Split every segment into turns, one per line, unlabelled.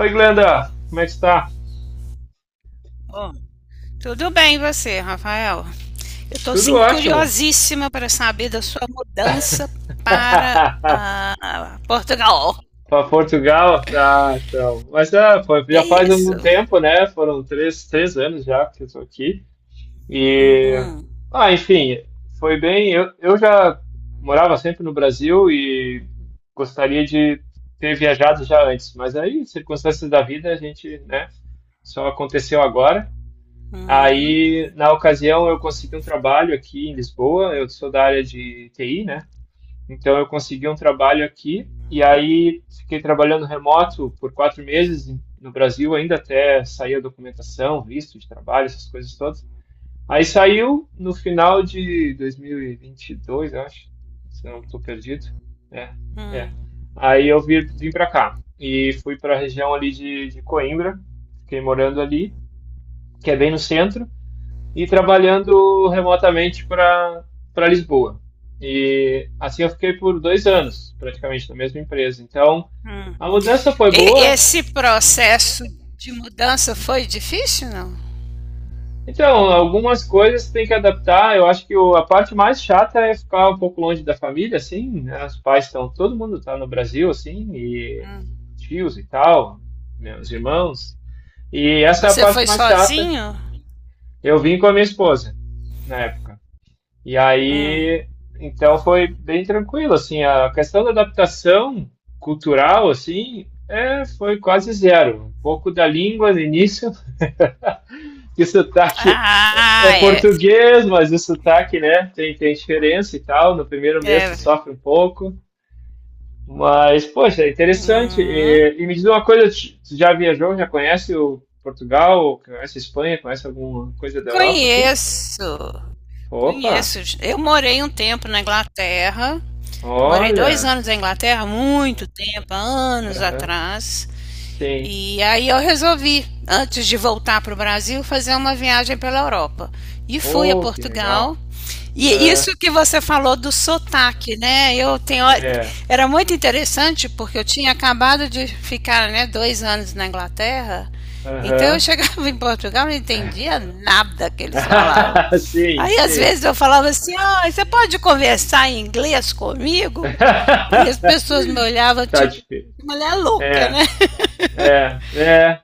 Oi, Glenda, como é que está?
Bom, tudo bem você, Rafael? Eu estou
Tudo
sim
ótimo.
curiosíssima para saber da sua mudança para Portugal.
Para Portugal? Tá, então. Mas é, foi- já
É
faz
isso.
algum tempo, né? Foram três anos já que eu estou aqui. E,
Hum,
ah, enfim, foi bem. Eu já morava sempre no Brasil e gostaria de ter viajado já antes, mas aí, circunstâncias da vida, a gente, né? Só aconteceu agora.
uhum,
Aí, na ocasião, eu consegui um trabalho aqui em Lisboa. Eu sou da área de TI, né? Então eu consegui um trabalho aqui e aí fiquei trabalhando remoto por 4 meses em- no Brasil, ainda até sair a documentação, visto de trabalho, essas coisas todas. Aí saiu no final de 2022, eu acho, se não estou perdido. É,
hum,
é. Aí eu vim, vim para cá e fui para a região ali de Coimbra, fiquei morando ali, que é bem no centro e trabalhando remotamente para Lisboa. E assim eu fiquei por 2 anos, praticamente, na mesma empresa. Então,
hum.
a mudança foi
E
boa.
esse processo de mudança foi difícil, não?
Então, algumas coisas tem que adaptar. Eu acho que o- a parte mais chata é ficar um pouco longe da família, assim, né? Os pais estão, todo mundo está no Brasil, assim, e
Hum.
tios e tal, meus irmãos. E essa é a
Você
parte
foi
mais chata.
sozinho?
Eu vim com a minha esposa na época. E aí,
Hum.
então foi bem tranquilo, assim, a questão da adaptação cultural, assim, é, foi quase zero. Um pouco da língua no início, que o sotaque é
Ah, é.
português, mas o sotaque, né, tem, tem diferença e tal, no primeiro mês tu
É.
sofre um pouco, mas, poxa, é interessante.
Hum.
E me diz uma coisa, tu já viajou, já conhece o Portugal, conhece a Espanha, conhece alguma coisa da Europa aqui?
Conheço.
Opa,
Conheço. Eu morei um tempo na Inglaterra. Morei dois
olha,
anos na
pessoal.
Inglaterra, muito tempo, anos
Aham,
atrás.
sim.
E aí eu resolvi, antes de voltar para o Brasil, fazer uma viagem pela Europa. E fui a
Oh, que legal.
Portugal. E
Ah,
isso que você falou do sotaque, né?
é.
Era muito interessante porque eu tinha acabado de ficar, né, dois anos na Inglaterra. Então eu
Aham.
chegava em Portugal e não entendia nada que eles falavam.
Sim,
Aí às
sim,
vezes
sim.
eu falava assim, ah, você pode conversar em inglês comigo? E as pessoas me olhavam
Tá
tipo,
difícil.
mulher louca,
É,
né?
é, é,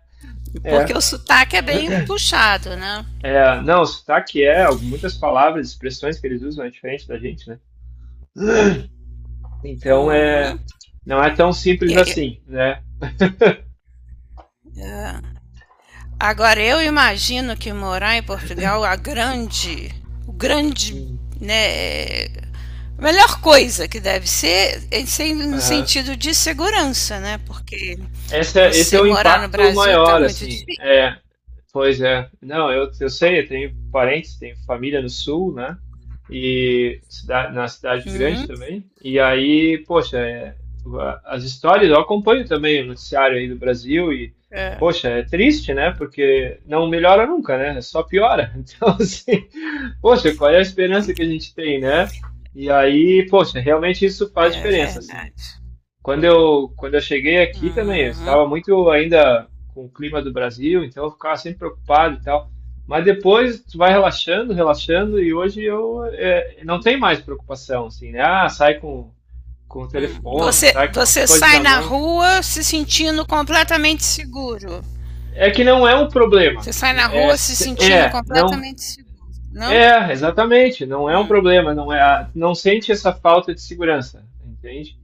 Porque
é,
o sotaque é bem puxado, né?
é. Não, sotaque é, muitas palavras, expressões que eles usam é diferente da gente, né? Então é,
Uhum.
não é tão
E,
simples
e,
assim, né?
é. Agora, eu imagino que morar em Portugal, o grande,
Hum.
né, a melhor coisa que deve ser, é ser no
Aham.
sentido de segurança, né? Porque
Esse é
você
o
morar no
impacto
Brasil tá
maior,
muito
assim.
difícil.
É, pois é. Não, eu sei, eu tenho parentes, tenho família no sul, né? E na cidade grande
Uhum.
também. E aí, poxa, é, a- as histórias, eu acompanho também o noticiário aí do Brasil e,
É,
poxa, é triste, né? Porque não melhora nunca, né? É só piora. Então, assim, poxa, qual é a esperança que a gente tem, né? E aí, poxa, realmente isso faz
é
diferença, assim.
verdade.
Quando eu cheguei aqui também, eu
Uhum.
estava muito ainda com o clima do Brasil, então eu ficava sempre preocupado e tal. Mas depois tu vai relaxando, relaxando, e hoje eu não tem mais preocupação, assim, né? Ah, sai com o
Uhum.
telefone, sai com as
Você
coisas
sai
na
na
mão.
rua se sentindo completamente seguro.
É que não é um problema.
Você sai na
É,
rua se sentindo
é, não,
completamente seguro, não?
é, exatamente, não é um
Hum.
problema, não é, não sente essa falta de segurança, entende?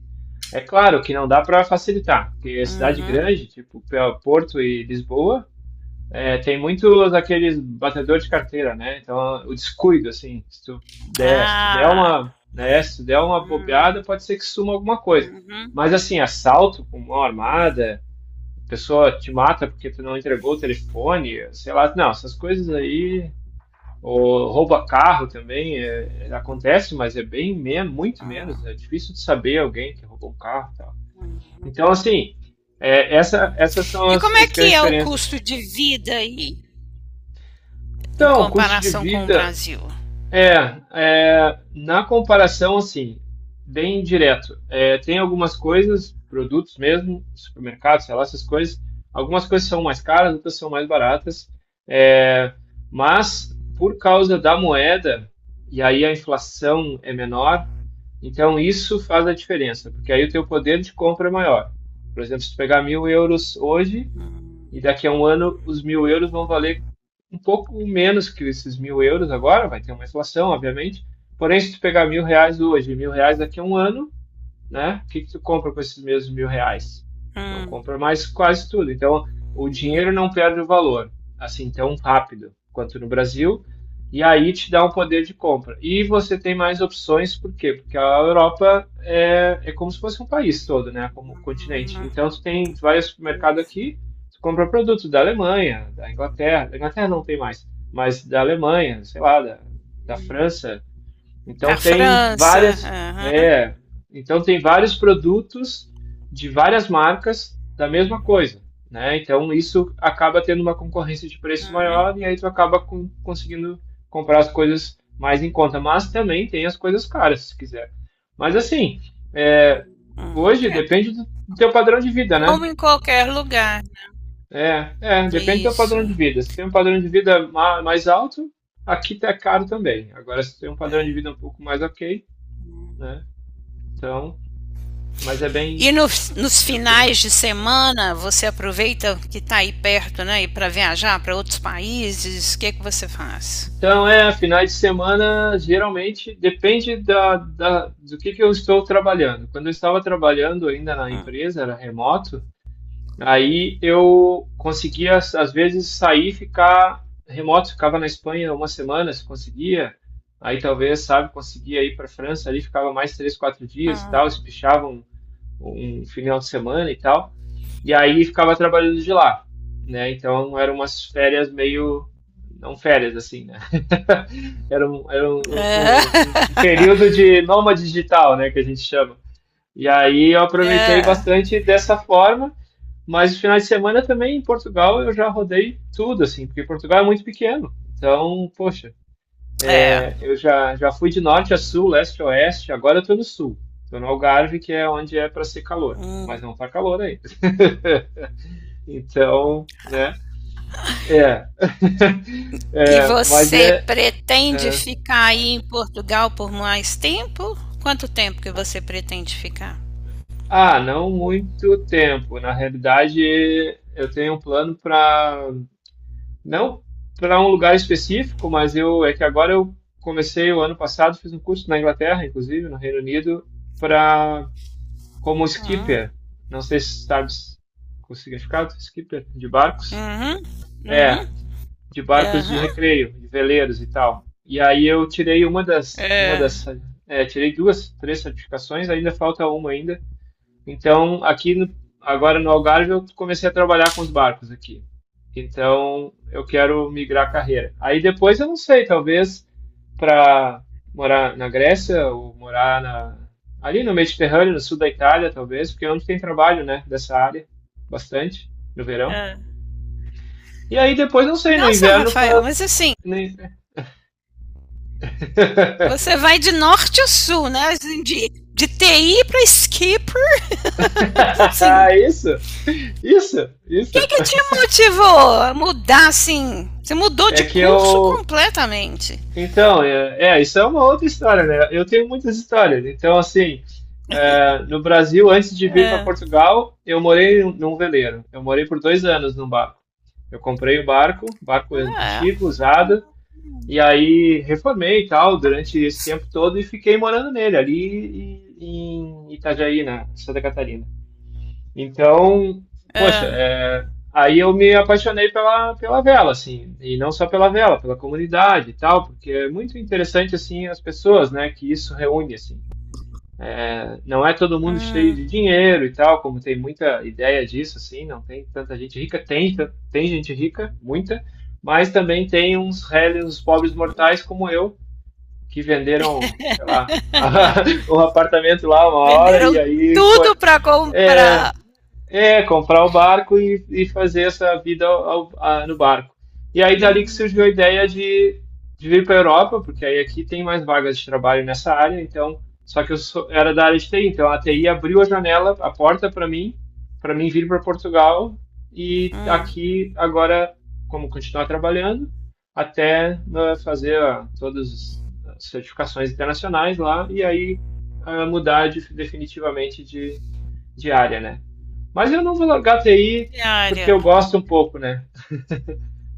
É claro que não dá para facilitar, porque cidade
Uhum.
grande, tipo Porto e Lisboa, é, tem muitos aqueles batedores de carteira, né? Então, o descuido, assim, se tu der
Ah.
uma, né, se tu der uma bobeada,
Hum,
pode ser que suma alguma coisa.
uhum.
Mas, assim, assalto com mão armada, a pessoa te mata porque tu não entregou o telefone, sei lá, não, essas coisas aí, ou rouba carro também, é, acontece, mas é bem, men muito menos, né? É difícil de saber alguém que roubou um carro, e então, assim, é, essa, essas são
E
as,
como é
as
que
grandes
é o
diferenças.
custo de vida aí em
Então, custo de
comparação com o
vida
Brasil?
é, é, na comparação, assim, bem direto. É, tem algumas coisas, produtos mesmo, supermercados, sei lá, essas coisas. Algumas coisas são mais caras, outras são mais baratas. É, mas por causa da moeda, e aí a inflação é menor, então isso faz a diferença, porque aí o teu poder de compra é maior. Por exemplo, se tu pegar 1.000 euros hoje, e daqui a um ano os 1.000 euros vão valer um pouco menos que esses 1.000 euros agora, vai ter uma inflação, obviamente. Porém, se tu pegar 1.000 reais hoje e 1.000 reais daqui a um ano, né? O que que tu compra com esses mesmos 1.000 reais? Não
Hum,
compra mais quase tudo. Então, o dinheiro não perde o valor, assim, tão rápido quanto no Brasil, e aí te dá um poder de compra. E você tem mais opções, por quê? Porque a Europa é, é como se fosse um país todo, né? Como um continente. Então,
uhum.
tu tem, tu vai ao supermercado aqui, tu compra produtos da Alemanha, da Inglaterra não tem mais, mas da Alemanha, sei lá, da, da França,
Na
então tem
França.
várias,
Aham.
é, então tem vários produtos de várias marcas da mesma coisa, né? Então isso acaba tendo uma concorrência de preço maior e
Uhum.
aí tu acaba com- conseguindo comprar as coisas mais em conta, mas também tem as coisas caras, se quiser. Mas assim, é,
Uhum.
hoje
É,
depende do teu padrão de vida, né?
como em qualquer lugar.
É, é, depende do teu padrão
Isso.
de vida. Se tem um padrão de vida mais alto, aqui tá caro também. Agora, se tem um padrão de vida um pouco mais ok, né? Então, mas é
E
bem,
nos
bem ok.
finais de semana você aproveita que está aí perto, né, e para viajar para outros países. O que é que você faz?
Então, é, finais de semana, geralmente, depende da, da- do que eu estou trabalhando. Quando eu estava trabalhando ainda na empresa, era remoto, aí eu conseguia, às vezes, sair e ficar remoto. Ficava na Espanha uma semana, se conseguia. Aí, talvez, sabe, conseguia ir para a França, ali ficava mais três, quatro dias e tal,
Uhum.
espichava um final de semana e tal. E aí ficava trabalhando de lá, né? Então eram umas férias meio. Não férias, assim, né? Era um, era um,
É.
um- um- um período de nômade digital, né? Que a gente chama. E aí eu aproveitei
É.
bastante dessa forma, mas no final de semana também em Portugal eu já rodei tudo, assim, porque Portugal é muito pequeno. Então, poxa.
É.
Eu já, já fui de norte a sul, leste a oeste, agora eu estou no sul. Estou no Algarve, que é onde é para ser calor, mas não está calor aí. Então, né? É,
E
é, mas
você
é,
pretende
é.
ficar aí em Portugal por mais tempo? Quanto tempo que você pretende ficar?
Ah, não muito tempo. Na realidade, eu tenho um plano para. Não para um lugar específico, mas eu. É que agora eu comecei o ano passado, fiz um curso na Inglaterra, inclusive, no Reino Unido, para como
Hum.
skipper, não sei se sabes o significado, skipper, de barcos.
Uhum.
É,
Uhum.
de barcos de
Aham.
recreio, de veleiros e tal. E aí eu tirei
É.
é, tirei duas, três certificações, ainda falta uma ainda. Então, aqui no, agora no Algarve eu comecei a trabalhar com os barcos aqui. Então, eu quero migrar a carreira. Aí depois eu não sei, talvez para morar na Grécia ou morar na, ali no Mediterrâneo, no sul da Itália, talvez, porque é onde tem trabalho, né, dessa área, bastante, no verão.
É.
E aí depois, não sei, no
Nossa,
inverno,
Rafael, mas assim,
nem-
você vai de norte a sul, né? Assim, de TI para esqui, pra, assim.
isso, isso,
O que
isso.
que te motivou a mudar, assim? Você mudou
É
de
que
curso
eu.
completamente.
Então, é, é, isso é uma outra história, né? Eu tenho muitas histórias. Então, assim, é, no Brasil, antes de vir para
É.
Portugal, eu morei num veleiro. Eu morei por 2 anos num barco. Eu comprei o barco, barco
É.
antigo, usado, e aí reformei e tal durante esse tempo todo e fiquei morando nele, ali em Itajaí, na Santa Catarina. Então, poxa,
É.
é, aí eu me apaixonei pela, pela vela, assim, e não só pela vela, pela comunidade e tal, porque é muito interessante, assim, as pessoas, né, que isso reúne, assim. Não é todo mundo cheio de
Hum,
dinheiro e tal, como tem muita ideia disso, assim, não tem tanta gente rica. Tem, tem gente rica, muita, mas também tem uns réis, uns pobres mortais como eu, que venderam, sei lá, um apartamento lá uma hora e
venderam
aí foi.
tudo para
É,
comprar
é, comprar o barco e fazer essa vida no barco. E aí, dali que
hum,
surgiu a ideia de, vir para a Europa, porque aí aqui tem mais vagas de trabalho nessa área, então, só que era da área de TI, então a TI abriu a janela, a porta para mim vir para Portugal e aqui agora, como continuar trabalhando, até né, fazer ah, todas as certificações internacionais lá e aí ah, mudar definitivamente de área, né? Mas eu não vou largar TI porque
diária.
eu gosto um pouco, né?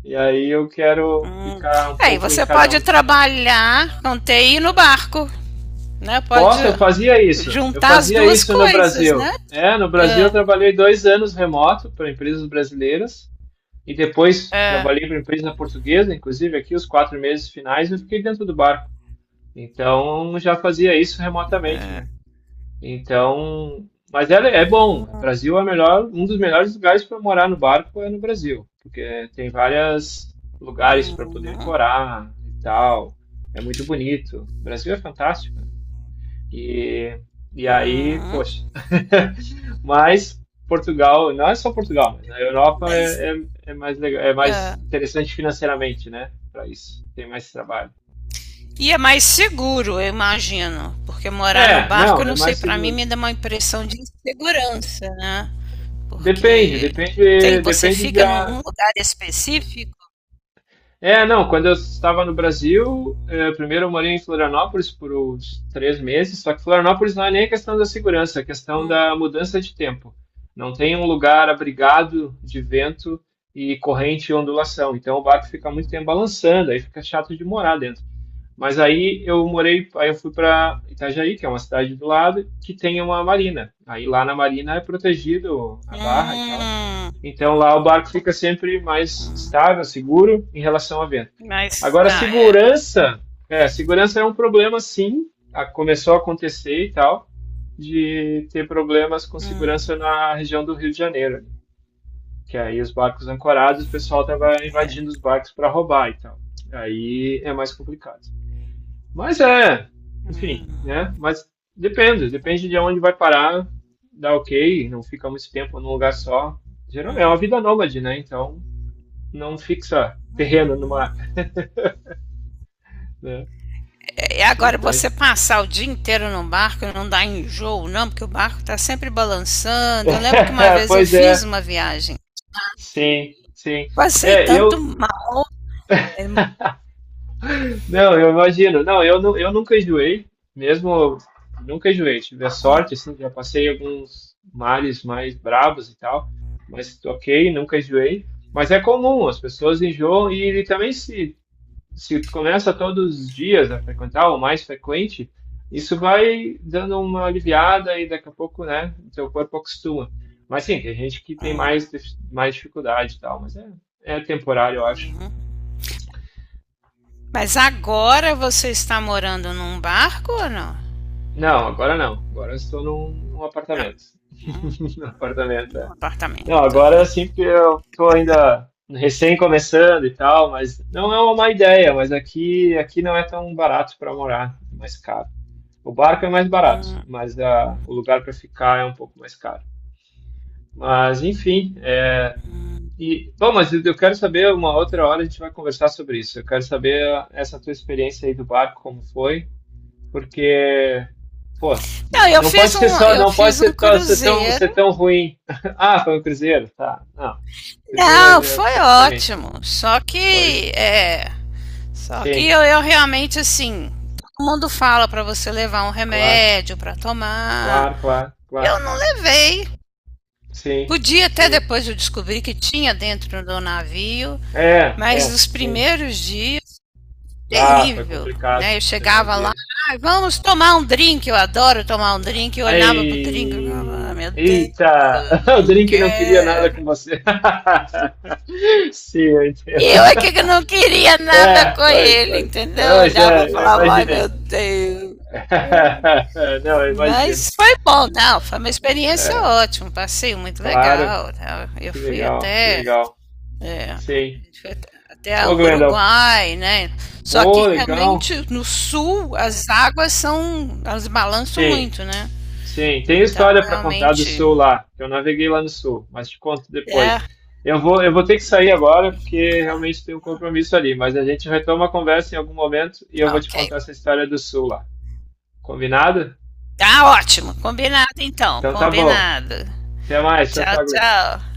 E aí eu quero
Hum.
ficar um
Aí
pouco em
você
cada
pode
um.
trabalhar com TI no barco, né? Pode
Posso? Eu fazia isso. Eu
juntar as
fazia
duas
isso no
coisas, né?
Brasil. É, no Brasil eu
É,
trabalhei 2 anos remoto para empresas brasileiras e depois
é.
trabalhei para empresa portuguesa, inclusive aqui os 4 meses finais eu fiquei dentro do barco. Então já fazia isso remotamente, né? Então, mas é, é bom. O Brasil é o melhor, um dos melhores lugares para morar no barco é no Brasil, porque tem vários lugares para
Hum,
poder ancorar e tal. É muito bonito. O Brasil é fantástico, né? E, e aí,
hum,
poxa. Mas Portugal, não é só Portugal, mas a Europa
mas,
é mais legal, é
é.
mais interessante financeiramente, né? Para isso, tem mais trabalho.
E é mais seguro, eu imagino, porque morar no
É,
barco,
não,
eu
é
não sei,
mais
para mim
seguro.
me dá uma impressão de insegurança, né?
Depende,
Porque
depende,
tem, você
depende de.
fica num num lugar específico.
É, não, quando eu estava no Brasil, primeiro eu morei em Florianópolis por uns 3 meses, só que Florianópolis não é nem a questão da segurança, é a questão da
Hum.
mudança de tempo. Não tem um lugar abrigado de vento e corrente e ondulação, então o barco fica muito tempo balançando, aí fica chato de morar dentro. Mas aí eu fui para Itajaí, que é uma cidade do lado, que tem uma marina. Aí lá na marina é protegido a barra e tal.
Hum,
Então lá o barco fica sempre mais estável, seguro em relação a vento.
mas
Agora,
tá, é.
segurança é um problema sim. Começou a acontecer e tal, de ter problemas com segurança
Hum,
na região do Rio de Janeiro, né? Que aí os barcos ancorados, o pessoal tava invadindo os barcos para roubar e tal. Aí é mais complicado. Mas é, enfim,
hum.
né? Mas depende, depende de onde vai parar, dá ok, não fica muito tempo num lugar só. Geralmente é uma vida nômade, né? Então não fixa terreno numa, né?
É, e agora você
Interessante.
passar o dia inteiro no barco não dá enjoo, não, porque o barco tá sempre balançando. Eu lembro que uma vez eu
Pois
fiz
é,
uma viagem.
sim, sim.
Passei
É, eu.
tanto mal. É,
Não, eu imagino. Não, eu nunca enjoei, mesmo nunca enjoei. Tive a sorte,
hum.
assim, já passei alguns mares mais bravos e tal, mas ok, nunca enjoei. Mas é comum, as pessoas enjoam e, ele também se tu começa todos os dias a frequentar, ou mais frequente, isso vai dando uma aliviada e daqui a pouco, né, o teu corpo acostuma. Mas sim, tem gente que tem mais, mais dificuldade e tal, mas é, é temporário, eu acho.
Mas agora você está morando num barco ou não?
Não, agora não. Agora eu estou num
Não,
apartamento. Num apartamento,
num
é. Não,
apartamento.
agora sim, porque eu estou ainda recém começando e tal, mas não é uma má ideia, mas aqui, aqui não é tão barato para morar, é mais caro. O barco é mais barato,
Hum.
mas a, o lugar para ficar é um pouco mais caro. Mas, enfim, é, e, bom, mas eu quero saber, uma outra hora a gente vai conversar sobre isso. Eu quero saber essa tua experiência aí do barco, como foi. Porque, pô,
Não,
não, não pode ser só,
eu
não pode
fiz um
ser, ser tão, ser
cruzeiro.
tão ruim. Ah, foi o Cruzeiro, tá. Não, Cruzeiro
Não,
é um
foi
pouco diferente.
ótimo. Só
Pois,
que é, só que
sim,
eu realmente, assim, todo mundo fala para você levar um
claro,
remédio para tomar.
claro, claro,
Eu
claro.
não levei.
Sim,
Podia até
sim.
depois eu descobrir que tinha dentro do navio,
É,
mas
é,
nos
sim.
primeiros dias,
Ah, foi
terrível,
complicado,
né? Eu
eu
chegava lá,
imagino.
ah, vamos tomar um drink, eu adoro tomar um drink, eu olhava pro drink, eu falava, ah,
Ai,
meu Deus,
eita, o
não
Drink não queria nada
quero.
com você. Sim, eu
Eu
entendo.
é que não queria nada
É,
com
foi,
ele,
foi.
entendeu? Eu
Pois
olhava
é,
e
eu
falava, ai, meu
imaginei.
Deus.
Não, eu imagino.
Mas foi bom, não, foi uma experiência
É,
ótima, um passeio muito
claro,
legal, né? Eu
que
fui
legal, que
até,
legal.
é, a
Sim.
gente foi até até
Ô,
o
Glenda,
Uruguai, né? Só que
pô, legal.
realmente no sul as águas são, elas balançam
Sim,
muito, né?
sim. Tem
Então
história para contar do
realmente
sul lá, que eu naveguei lá no sul, mas te conto
é.
depois. Eu vou ter que sair agora, porque realmente tem um compromisso ali, mas a gente retoma a conversa em algum momento e eu vou te contar
Ok.
essa história do sul lá. Combinado?
Tá ótimo, combinado então,
Então tá bom.
combinado.
Até mais. Tchau,
Tchau,
tchau, Glenda.
tchau.